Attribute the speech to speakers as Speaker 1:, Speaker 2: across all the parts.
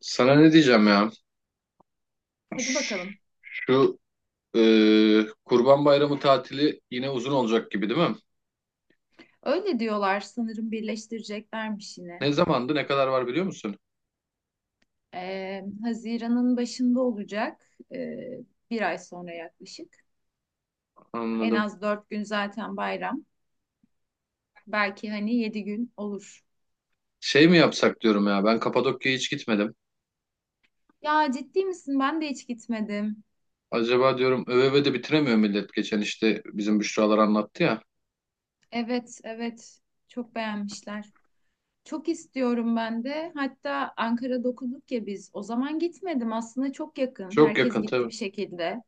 Speaker 1: Sana ne diyeceğim ya?
Speaker 2: Hadi bakalım.
Speaker 1: Şu e, Kurban Bayramı tatili yine uzun olacak gibi değil mi?
Speaker 2: Öyle diyorlar sanırım birleştireceklermiş yine.
Speaker 1: Ne zamandı, ne kadar var biliyor musun?
Speaker 2: Haziran'ın başında olacak. Bir ay sonra yaklaşık. En
Speaker 1: Anladım.
Speaker 2: az 4 gün zaten bayram. Belki hani 7 gün olur.
Speaker 1: Şey mi yapsak diyorum ya. Ben Kapadokya'ya hiç gitmedim.
Speaker 2: Ya ciddi misin? Ben de hiç gitmedim.
Speaker 1: Acaba diyorum öve de bitiremiyor millet geçen işte bizim Büşralar anlattı ya.
Speaker 2: Evet, evet. Çok beğenmişler. Çok istiyorum ben de. Hatta Ankara'da okuduk ya biz. O zaman gitmedim. Aslında çok yakın.
Speaker 1: Çok
Speaker 2: Herkes
Speaker 1: yakın
Speaker 2: gitti bir
Speaker 1: tabii.
Speaker 2: şekilde.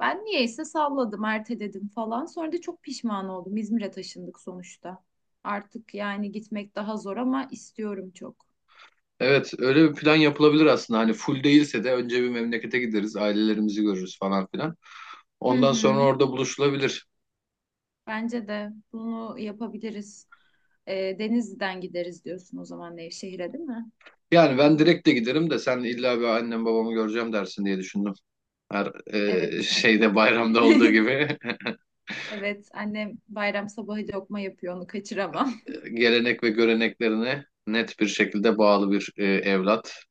Speaker 2: Ben niyeyse salladım, erteledim falan. Sonra da çok pişman oldum. İzmir'e taşındık sonuçta. Artık yani gitmek daha zor ama istiyorum çok.
Speaker 1: Evet, öyle bir plan yapılabilir aslında. Hani full değilse de önce bir memlekete gideriz, ailelerimizi görürüz falan filan.
Speaker 2: Hı
Speaker 1: Ondan sonra
Speaker 2: hı.
Speaker 1: orada buluşulabilir.
Speaker 2: Bence de bunu yapabiliriz. Denizli'den gideriz diyorsun o zaman Nevşehir'e, değil mi?
Speaker 1: Yani ben direkt de giderim de sen illa bir annem babamı göreceğim dersin diye düşündüm. Her
Speaker 2: Evet.
Speaker 1: şeyde bayramda olduğu gibi
Speaker 2: Evet, annem bayram sabahı lokma yapıyor, onu kaçıramam.
Speaker 1: gelenek ve göreneklerine net bir şekilde bağlı bir evlat.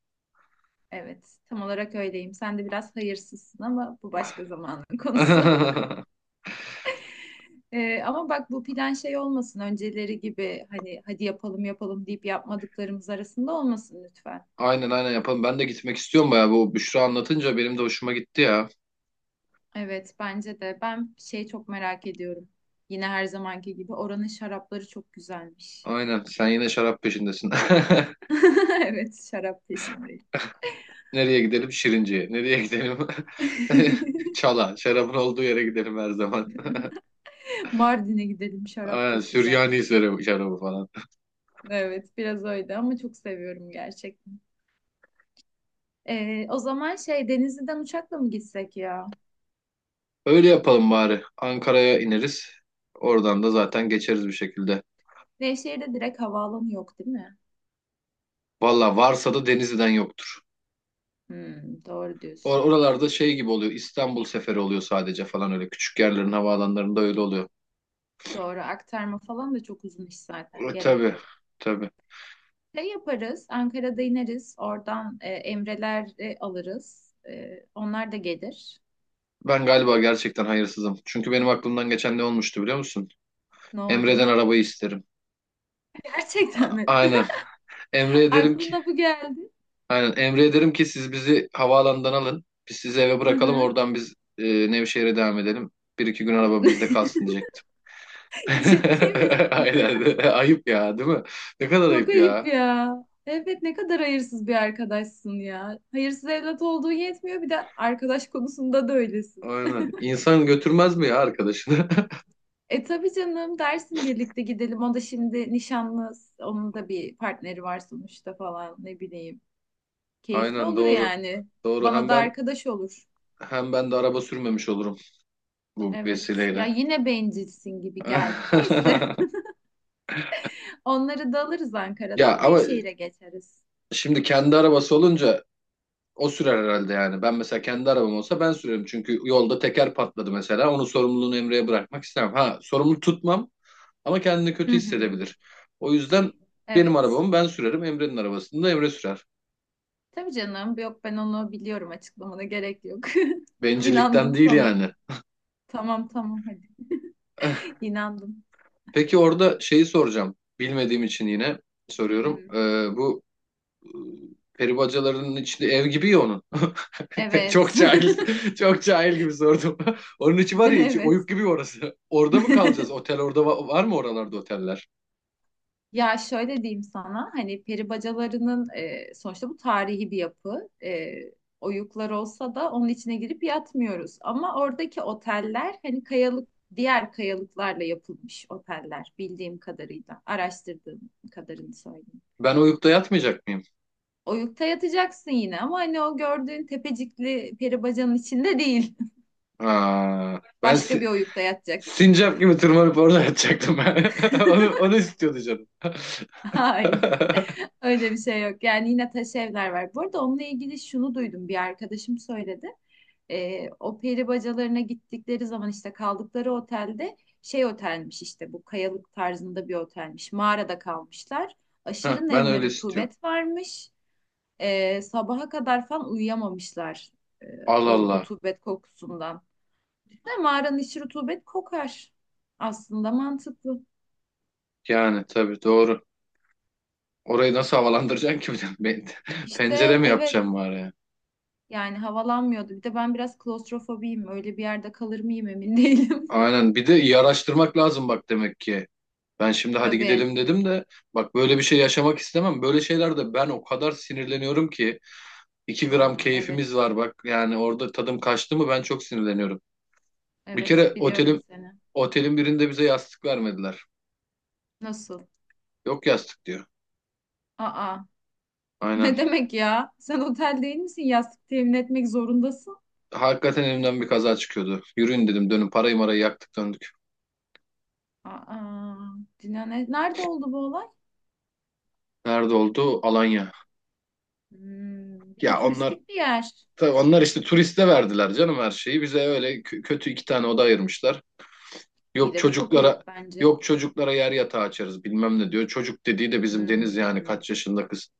Speaker 2: Evet, tam olarak öyleyim. Sen de biraz hayırsızsın ama bu başka zamanın konusu. Ama bak bu plan şey olmasın önceleri gibi hani hadi yapalım yapalım deyip yapmadıklarımız arasında olmasın lütfen.
Speaker 1: Aynen aynen yapalım. Ben de gitmek istiyorum bayağı. Bu Büşra anlatınca benim de hoşuma gitti ya.
Speaker 2: Evet bence de ben şey çok merak ediyorum. Yine her zamanki gibi oranın şarapları çok güzelmiş.
Speaker 1: Aynen sen yine şarap peşindesin.
Speaker 2: Evet şarap peşindeyim.
Speaker 1: Nereye gidelim? Şirince'ye. Nereye gidelim? Çala. Şarabın olduğu yere gidelim her zaman.
Speaker 2: Mardin'e gidelim şarap
Speaker 1: Aynen
Speaker 2: çok güzel.
Speaker 1: Süryani şarabı falan.
Speaker 2: Evet biraz öyle ama çok seviyorum gerçekten. O zaman şey Denizli'den uçakla mı gitsek ya?
Speaker 1: Öyle yapalım bari. Ankara'ya ineriz. Oradan da zaten geçeriz bir şekilde.
Speaker 2: Nevşehir'de direkt havaalanı yok değil mi?
Speaker 1: Valla varsa da Denizli'den yoktur.
Speaker 2: Hmm, doğru diyorsun.
Speaker 1: Oralarda şey gibi oluyor. İstanbul seferi oluyor sadece falan öyle. Küçük yerlerin havaalanlarında öyle oluyor.
Speaker 2: Doğru aktarma falan da çok uzun iş zaten
Speaker 1: E,
Speaker 2: gerek
Speaker 1: tabii.
Speaker 2: yok.
Speaker 1: Tabii.
Speaker 2: Şey yaparız Ankara'da ineriz oradan Emre'ler alırız. Onlar da gelir.
Speaker 1: Ben galiba gerçekten hayırsızım. Çünkü benim aklımdan geçen ne olmuştu biliyor musun?
Speaker 2: Ne
Speaker 1: Emre'den
Speaker 2: oldu?
Speaker 1: arabayı isterim.
Speaker 2: Gerçekten mi?
Speaker 1: Aynen. Emre'ye derim ki
Speaker 2: Aklına bu geldi.
Speaker 1: aynen. Emre'ye derim ki siz bizi havaalanından alın. Biz sizi eve
Speaker 2: Hı
Speaker 1: bırakalım.
Speaker 2: hı.
Speaker 1: Oradan biz Nevşehir'e devam edelim. Bir iki gün araba bizde kalsın diyecektim.
Speaker 2: Ciddi misin?
Speaker 1: Aynen. Ayıp ya değil mi? Ne kadar
Speaker 2: Çok
Speaker 1: ayıp
Speaker 2: ayıp
Speaker 1: ya.
Speaker 2: ya. Evet ne kadar hayırsız bir arkadaşsın ya. Hayırsız evlat olduğu yetmiyor bir de arkadaş konusunda da öylesin.
Speaker 1: Aynen. İnsan götürmez mi ya arkadaşını?
Speaker 2: E tabii canım dersin birlikte gidelim. O da şimdi nişanlı. Onun da bir partneri var sonuçta falan ne bileyim. Keyifli
Speaker 1: Aynen
Speaker 2: olur
Speaker 1: doğru.
Speaker 2: yani.
Speaker 1: Doğru.
Speaker 2: Bana
Speaker 1: Hem
Speaker 2: da
Speaker 1: ben
Speaker 2: arkadaş olur.
Speaker 1: hem ben de araba sürmemiş olurum bu
Speaker 2: Evet. Ya
Speaker 1: vesileyle.
Speaker 2: yine bencilsin gibi geldi. Neyse. Onları da alırız
Speaker 1: Ya
Speaker 2: Ankara'dan.
Speaker 1: ama
Speaker 2: Nevşehir'e geçeriz.
Speaker 1: şimdi kendi arabası olunca o sürer herhalde yani. Ben mesela kendi arabam olsa ben sürerim. Çünkü yolda teker patladı mesela. Onun sorumluluğunu Emre'ye bırakmak istemem. Ha, sorumlu tutmam ama kendini
Speaker 2: Hı
Speaker 1: kötü
Speaker 2: hı.
Speaker 1: hissedebilir. O yüzden benim
Speaker 2: Evet.
Speaker 1: arabamı ben sürerim. Emre'nin arabasını da Emre sürer.
Speaker 2: Tabii canım. Yok ben onu biliyorum. Açıklamana gerek yok. İnandım
Speaker 1: Bencillikten değil
Speaker 2: sana.
Speaker 1: yani.
Speaker 2: Tamam tamam hadi. İnandım.
Speaker 1: Peki orada şeyi soracağım. Bilmediğim için yine
Speaker 2: Hı
Speaker 1: soruyorum.
Speaker 2: hı.
Speaker 1: Bu peri bacalarının içinde ev gibi ya onun.
Speaker 2: Evet.
Speaker 1: Çok cahil, çok cahil gibi sordum. Onun içi var ya içi
Speaker 2: Evet.
Speaker 1: oyuk gibi orası. Orada mı kalacağız? Otel orada var mı oralarda oteller?
Speaker 2: Ya şöyle diyeyim sana hani peri bacalarının sonuçta bu tarihi bir yapı. Oyuklar olsa da onun içine girip yatmıyoruz. Ama oradaki oteller hani kayalık diğer kayalıklarla yapılmış oteller bildiğim kadarıyla. Araştırdığım kadarını söyleyeyim.
Speaker 1: Ben oyukta yatmayacak mıyım?
Speaker 2: Oyukta yatacaksın yine ama hani o gördüğün tepecikli peri bacanın içinde değil.
Speaker 1: Aa, ben
Speaker 2: Başka
Speaker 1: si-
Speaker 2: bir oyukta yatacaksın.
Speaker 1: sincap gibi tırmanıp orada yatacaktım ben. Onu istiyordu canım.
Speaker 2: Hayır. Öyle bir şey yok. Yani yine taş evler var. Bu arada onunla ilgili şunu duydum. Bir arkadaşım söyledi. O peri bacalarına gittikleri zaman işte kaldıkları otelde şey otelmiş işte bu kayalık tarzında bir otelmiş. Mağarada kalmışlar.
Speaker 1: Heh,
Speaker 2: Aşırı
Speaker 1: ben
Speaker 2: nem ve
Speaker 1: öyle istiyorum.
Speaker 2: rutubet varmış. Sabaha kadar falan uyuyamamışlar e,
Speaker 1: Allah
Speaker 2: o
Speaker 1: Allah.
Speaker 2: rutubet kokusundan. De mağaranın içi rutubet kokar. Aslında mantıklı.
Speaker 1: Yani tabii doğru. Orayı nasıl havalandıracaksın ki bir de? Ben- Pencere
Speaker 2: İşte
Speaker 1: mi
Speaker 2: evet
Speaker 1: yapacağım bari?
Speaker 2: yani havalanmıyordu. Bir de ben biraz klostrofobiyim. Öyle bir yerde kalır mıyım emin değilim.
Speaker 1: Aynen. Bir de iyi araştırmak lazım bak demek ki. Ben şimdi hadi
Speaker 2: Tabii.
Speaker 1: gidelim dedim de bak böyle bir şey yaşamak istemem. Böyle şeylerde ben o kadar sinirleniyorum ki 2 gram
Speaker 2: Aa, evet.
Speaker 1: keyfimiz var bak. Yani orada tadım kaçtı mı ben çok sinirleniyorum. Bir
Speaker 2: Evet
Speaker 1: kere
Speaker 2: biliyorum seni.
Speaker 1: otelin birinde bize yastık vermediler.
Speaker 2: Nasıl?
Speaker 1: Yok yastık diyor.
Speaker 2: Aa,
Speaker 1: Aynen.
Speaker 2: ne demek ya? Sen otel değil misin? Yastık temin etmek zorundasın.
Speaker 1: Hakikaten elimden bir kaza çıkıyordu. Yürüyün dedim dönün parayı marayı yaktık döndük.
Speaker 2: Aa, Cina ne- nerede oldu bu olay?
Speaker 1: Nerede oldu? Alanya.
Speaker 2: Hmm, bir de
Speaker 1: Ya onlar
Speaker 2: turistik bir yer.
Speaker 1: tabii onlar işte turiste verdiler canım her şeyi. Bize öyle kötü iki tane oda ayırmışlar.
Speaker 2: İyi
Speaker 1: Yok
Speaker 2: de bu çok
Speaker 1: çocuklara
Speaker 2: ayıp bence.
Speaker 1: yok çocuklara yer yatağı açarız bilmem ne diyor. Çocuk dediği de bizim Deniz yani
Speaker 2: Hmm,
Speaker 1: kaç yaşında kız.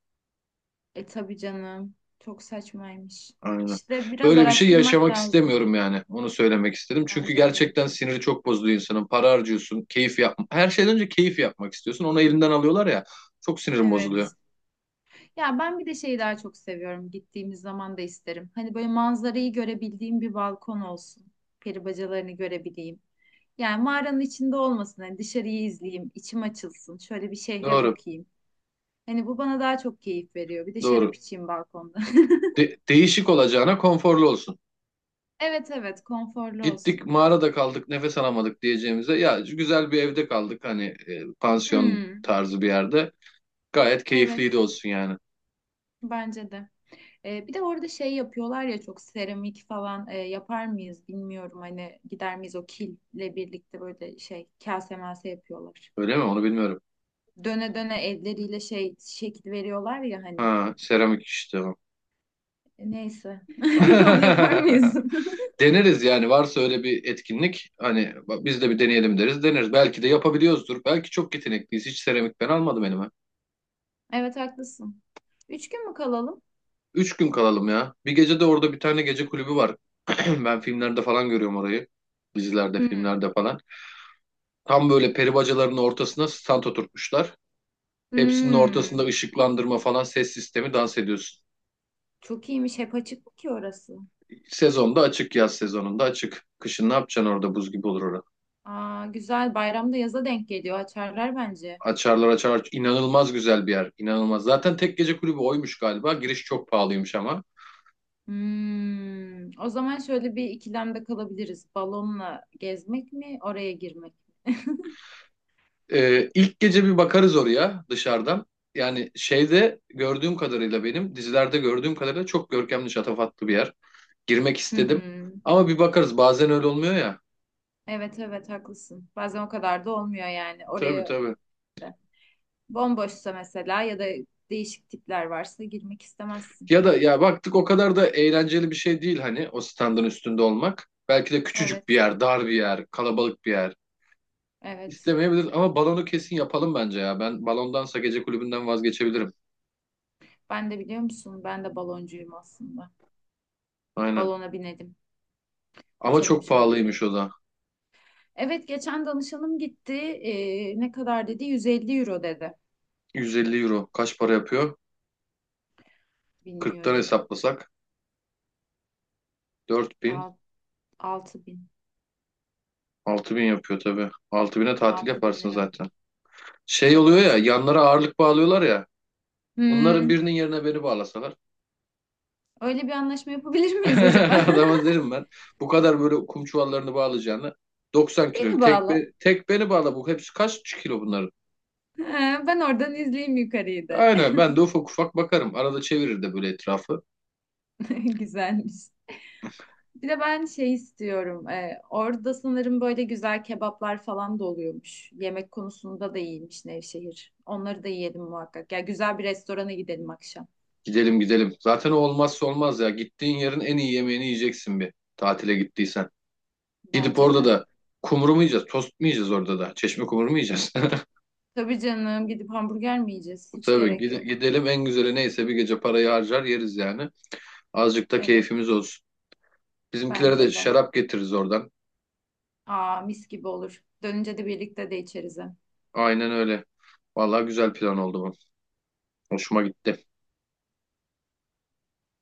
Speaker 2: e tabii canım. Çok saçmaymış.
Speaker 1: Aynen.
Speaker 2: İşte biraz
Speaker 1: Böyle bir şey
Speaker 2: araştırmak
Speaker 1: yaşamak
Speaker 2: lazım
Speaker 1: istemiyorum yani. Onu söylemek istedim. Çünkü
Speaker 2: bence de.
Speaker 1: gerçekten siniri çok bozuyor insanın. Para harcıyorsun, keyif yapma. Her şeyden önce keyif yapmak istiyorsun. Onu elinden alıyorlar ya. Çok sinirim bozuluyor.
Speaker 2: Evet. Ya ben bir de şeyi daha çok seviyorum. Gittiğimiz zaman da isterim. Hani böyle manzarayı görebildiğim bir balkon olsun. Peri bacalarını görebileyim. Yani mağaranın içinde olmasın. Hani dışarıyı izleyeyim, içim açılsın. Şöyle bir şehre
Speaker 1: Doğru,
Speaker 2: bakayım. Hani bu bana daha çok keyif veriyor. Bir de şarap
Speaker 1: doğru.
Speaker 2: içeyim balkonda.
Speaker 1: Değişik olacağına konforlu olsun.
Speaker 2: Evet evet, konforlu olsun.
Speaker 1: Gittik mağarada kaldık, nefes alamadık diyeceğimize ya güzel bir evde kaldık hani pansiyon
Speaker 2: Hmm,
Speaker 1: tarzı bir yerde. Gayet
Speaker 2: evet,
Speaker 1: keyifliydi olsun yani.
Speaker 2: bence de. Bir de orada şey yapıyorlar ya çok seramik falan yapar mıyız bilmiyorum. Hani gider miyiz o kille birlikte böyle şey kase mase yapıyorlar.
Speaker 1: Öyle mi? Onu bilmiyorum.
Speaker 2: Döne döne elleriyle şey şekil veriyorlar ya hani.
Speaker 1: Ha, seramik işte. O.
Speaker 2: Neyse. Onu yapar mıyız?
Speaker 1: Deneriz yani varsa öyle bir etkinlik hani bak biz de bir deneyelim deriz deneriz. Belki de yapabiliyoruzdur. Belki çok yetenekliyiz. Hiç seramik ben almadım elime.
Speaker 2: Evet haklısın. 3 gün mü kalalım?
Speaker 1: 3 gün kalalım ya. Bir gece de orada bir tane gece kulübü var. Ben filmlerde falan görüyorum orayı. Dizilerde,
Speaker 2: Hmm,
Speaker 1: filmlerde falan. Tam böyle peri bacalarının ortasına stand oturtmuşlar. Hepsinin ortasında
Speaker 2: hmm.
Speaker 1: ışıklandırma falan ses sistemi dans ediyorsun.
Speaker 2: Çok iyiymiş. Hep açık mı ki orası?
Speaker 1: Sezonda açık, yaz sezonunda açık. Kışın ne yapacaksın orada buz gibi olur.
Speaker 2: Aa, güzel. Bayramda yaza denk geliyor. Açarlar bence.
Speaker 1: Açarlar açarlar. İnanılmaz güzel bir yer. İnanılmaz. Zaten tek gece kulübü oymuş galiba. Giriş çok pahalıymış ama.
Speaker 2: Hmm. O zaman şöyle bir ikilemde kalabiliriz. Balonla gezmek mi, oraya girmek mi?
Speaker 1: İlk gece bir bakarız oraya dışarıdan. Yani şeyde gördüğüm kadarıyla benim dizilerde gördüğüm kadarıyla çok görkemli şatafatlı bir yer. Girmek
Speaker 2: Hı hı.
Speaker 1: istedim. Ama bir bakarız bazen öyle olmuyor ya.
Speaker 2: Evet evet haklısın. Bazen o kadar da olmuyor yani.
Speaker 1: Tabii
Speaker 2: Oraya
Speaker 1: tabii.
Speaker 2: da. Bomboşsa mesela ya da değişik tipler varsa girmek istemezsin.
Speaker 1: Ya da ya baktık o kadar da eğlenceli bir şey değil hani o standın üstünde olmak. Belki de küçücük bir
Speaker 2: Evet,
Speaker 1: yer, dar bir yer, kalabalık bir yer.
Speaker 2: evet.
Speaker 1: İstemeyebiliriz ama balonu kesin yapalım bence ya. Ben balondansa gece kulübünden vazgeçebilirim.
Speaker 2: Ben de biliyor musun? Ben de baloncuyum aslında.
Speaker 1: Aynen.
Speaker 2: Balona binelim.
Speaker 1: Ama
Speaker 2: Uçalım
Speaker 1: çok
Speaker 2: şöyle bir.
Speaker 1: pahalıymış o da.
Speaker 2: Evet geçen danışanım gitti. Ne kadar dedi? 150 euro dedi.
Speaker 1: 150 euro. Kaç para yapıyor? 40'tan
Speaker 2: Bilmiyorum.
Speaker 1: hesaplasak
Speaker 2: 6.000.
Speaker 1: 4.000, bin yapıyor tabii. 6.000'e tatil
Speaker 2: altı bin
Speaker 1: yaparsın
Speaker 2: lira.
Speaker 1: zaten. Şey oluyor ya,
Speaker 2: Evet.
Speaker 1: yanlara ağırlık bağlıyorlar ya. Onların
Speaker 2: Hmm,
Speaker 1: birinin yerine beni bağlasalar.
Speaker 2: öyle bir anlaşma yapabilir miyiz acaba?
Speaker 1: Adama derim ben. Bu kadar böyle kum çuvallarını bağlayacağını 90 kilo.
Speaker 2: Beni
Speaker 1: Tek,
Speaker 2: bağla.
Speaker 1: be- tek beni bağla bu. Hepsi kaç kilo bunların?
Speaker 2: Ha, ben oradan izleyeyim yukarıyı da.
Speaker 1: Aynen ben de ufak ufak bakarım. Arada çevirir de böyle etrafı.
Speaker 2: Güzelmiş. Bir de ben şey istiyorum. Orada sanırım böyle güzel kebaplar falan da oluyormuş. Yemek konusunda da iyiymiş Nevşehir. Onları da yiyelim muhakkak. Ya güzel bir restorana gidelim akşam.
Speaker 1: Gidelim gidelim. Zaten o olmazsa olmaz ya. Gittiğin yerin en iyi yemeğini yiyeceksin bir tatile gittiysen. Gidip
Speaker 2: Bence
Speaker 1: orada
Speaker 2: de.
Speaker 1: da kumru mu yiyeceğiz? Tost mu yiyeceğiz orada da? Çeşme kumru mu yiyeceğiz?
Speaker 2: Tabii canım gidip hamburger mi yiyeceğiz? Hiç
Speaker 1: Tabii
Speaker 2: gerek yok.
Speaker 1: gidelim en güzeli neyse bir gece parayı harcar yeriz yani. Azıcık da
Speaker 2: Evet
Speaker 1: keyfimiz olsun. Bizimkilere de
Speaker 2: bence de.
Speaker 1: şarap getiririz oradan.
Speaker 2: Aa mis gibi olur. Dönünce de birlikte de içeriz. Hem.
Speaker 1: Aynen öyle. Vallahi güzel plan oldu bu. Hoşuma gitti.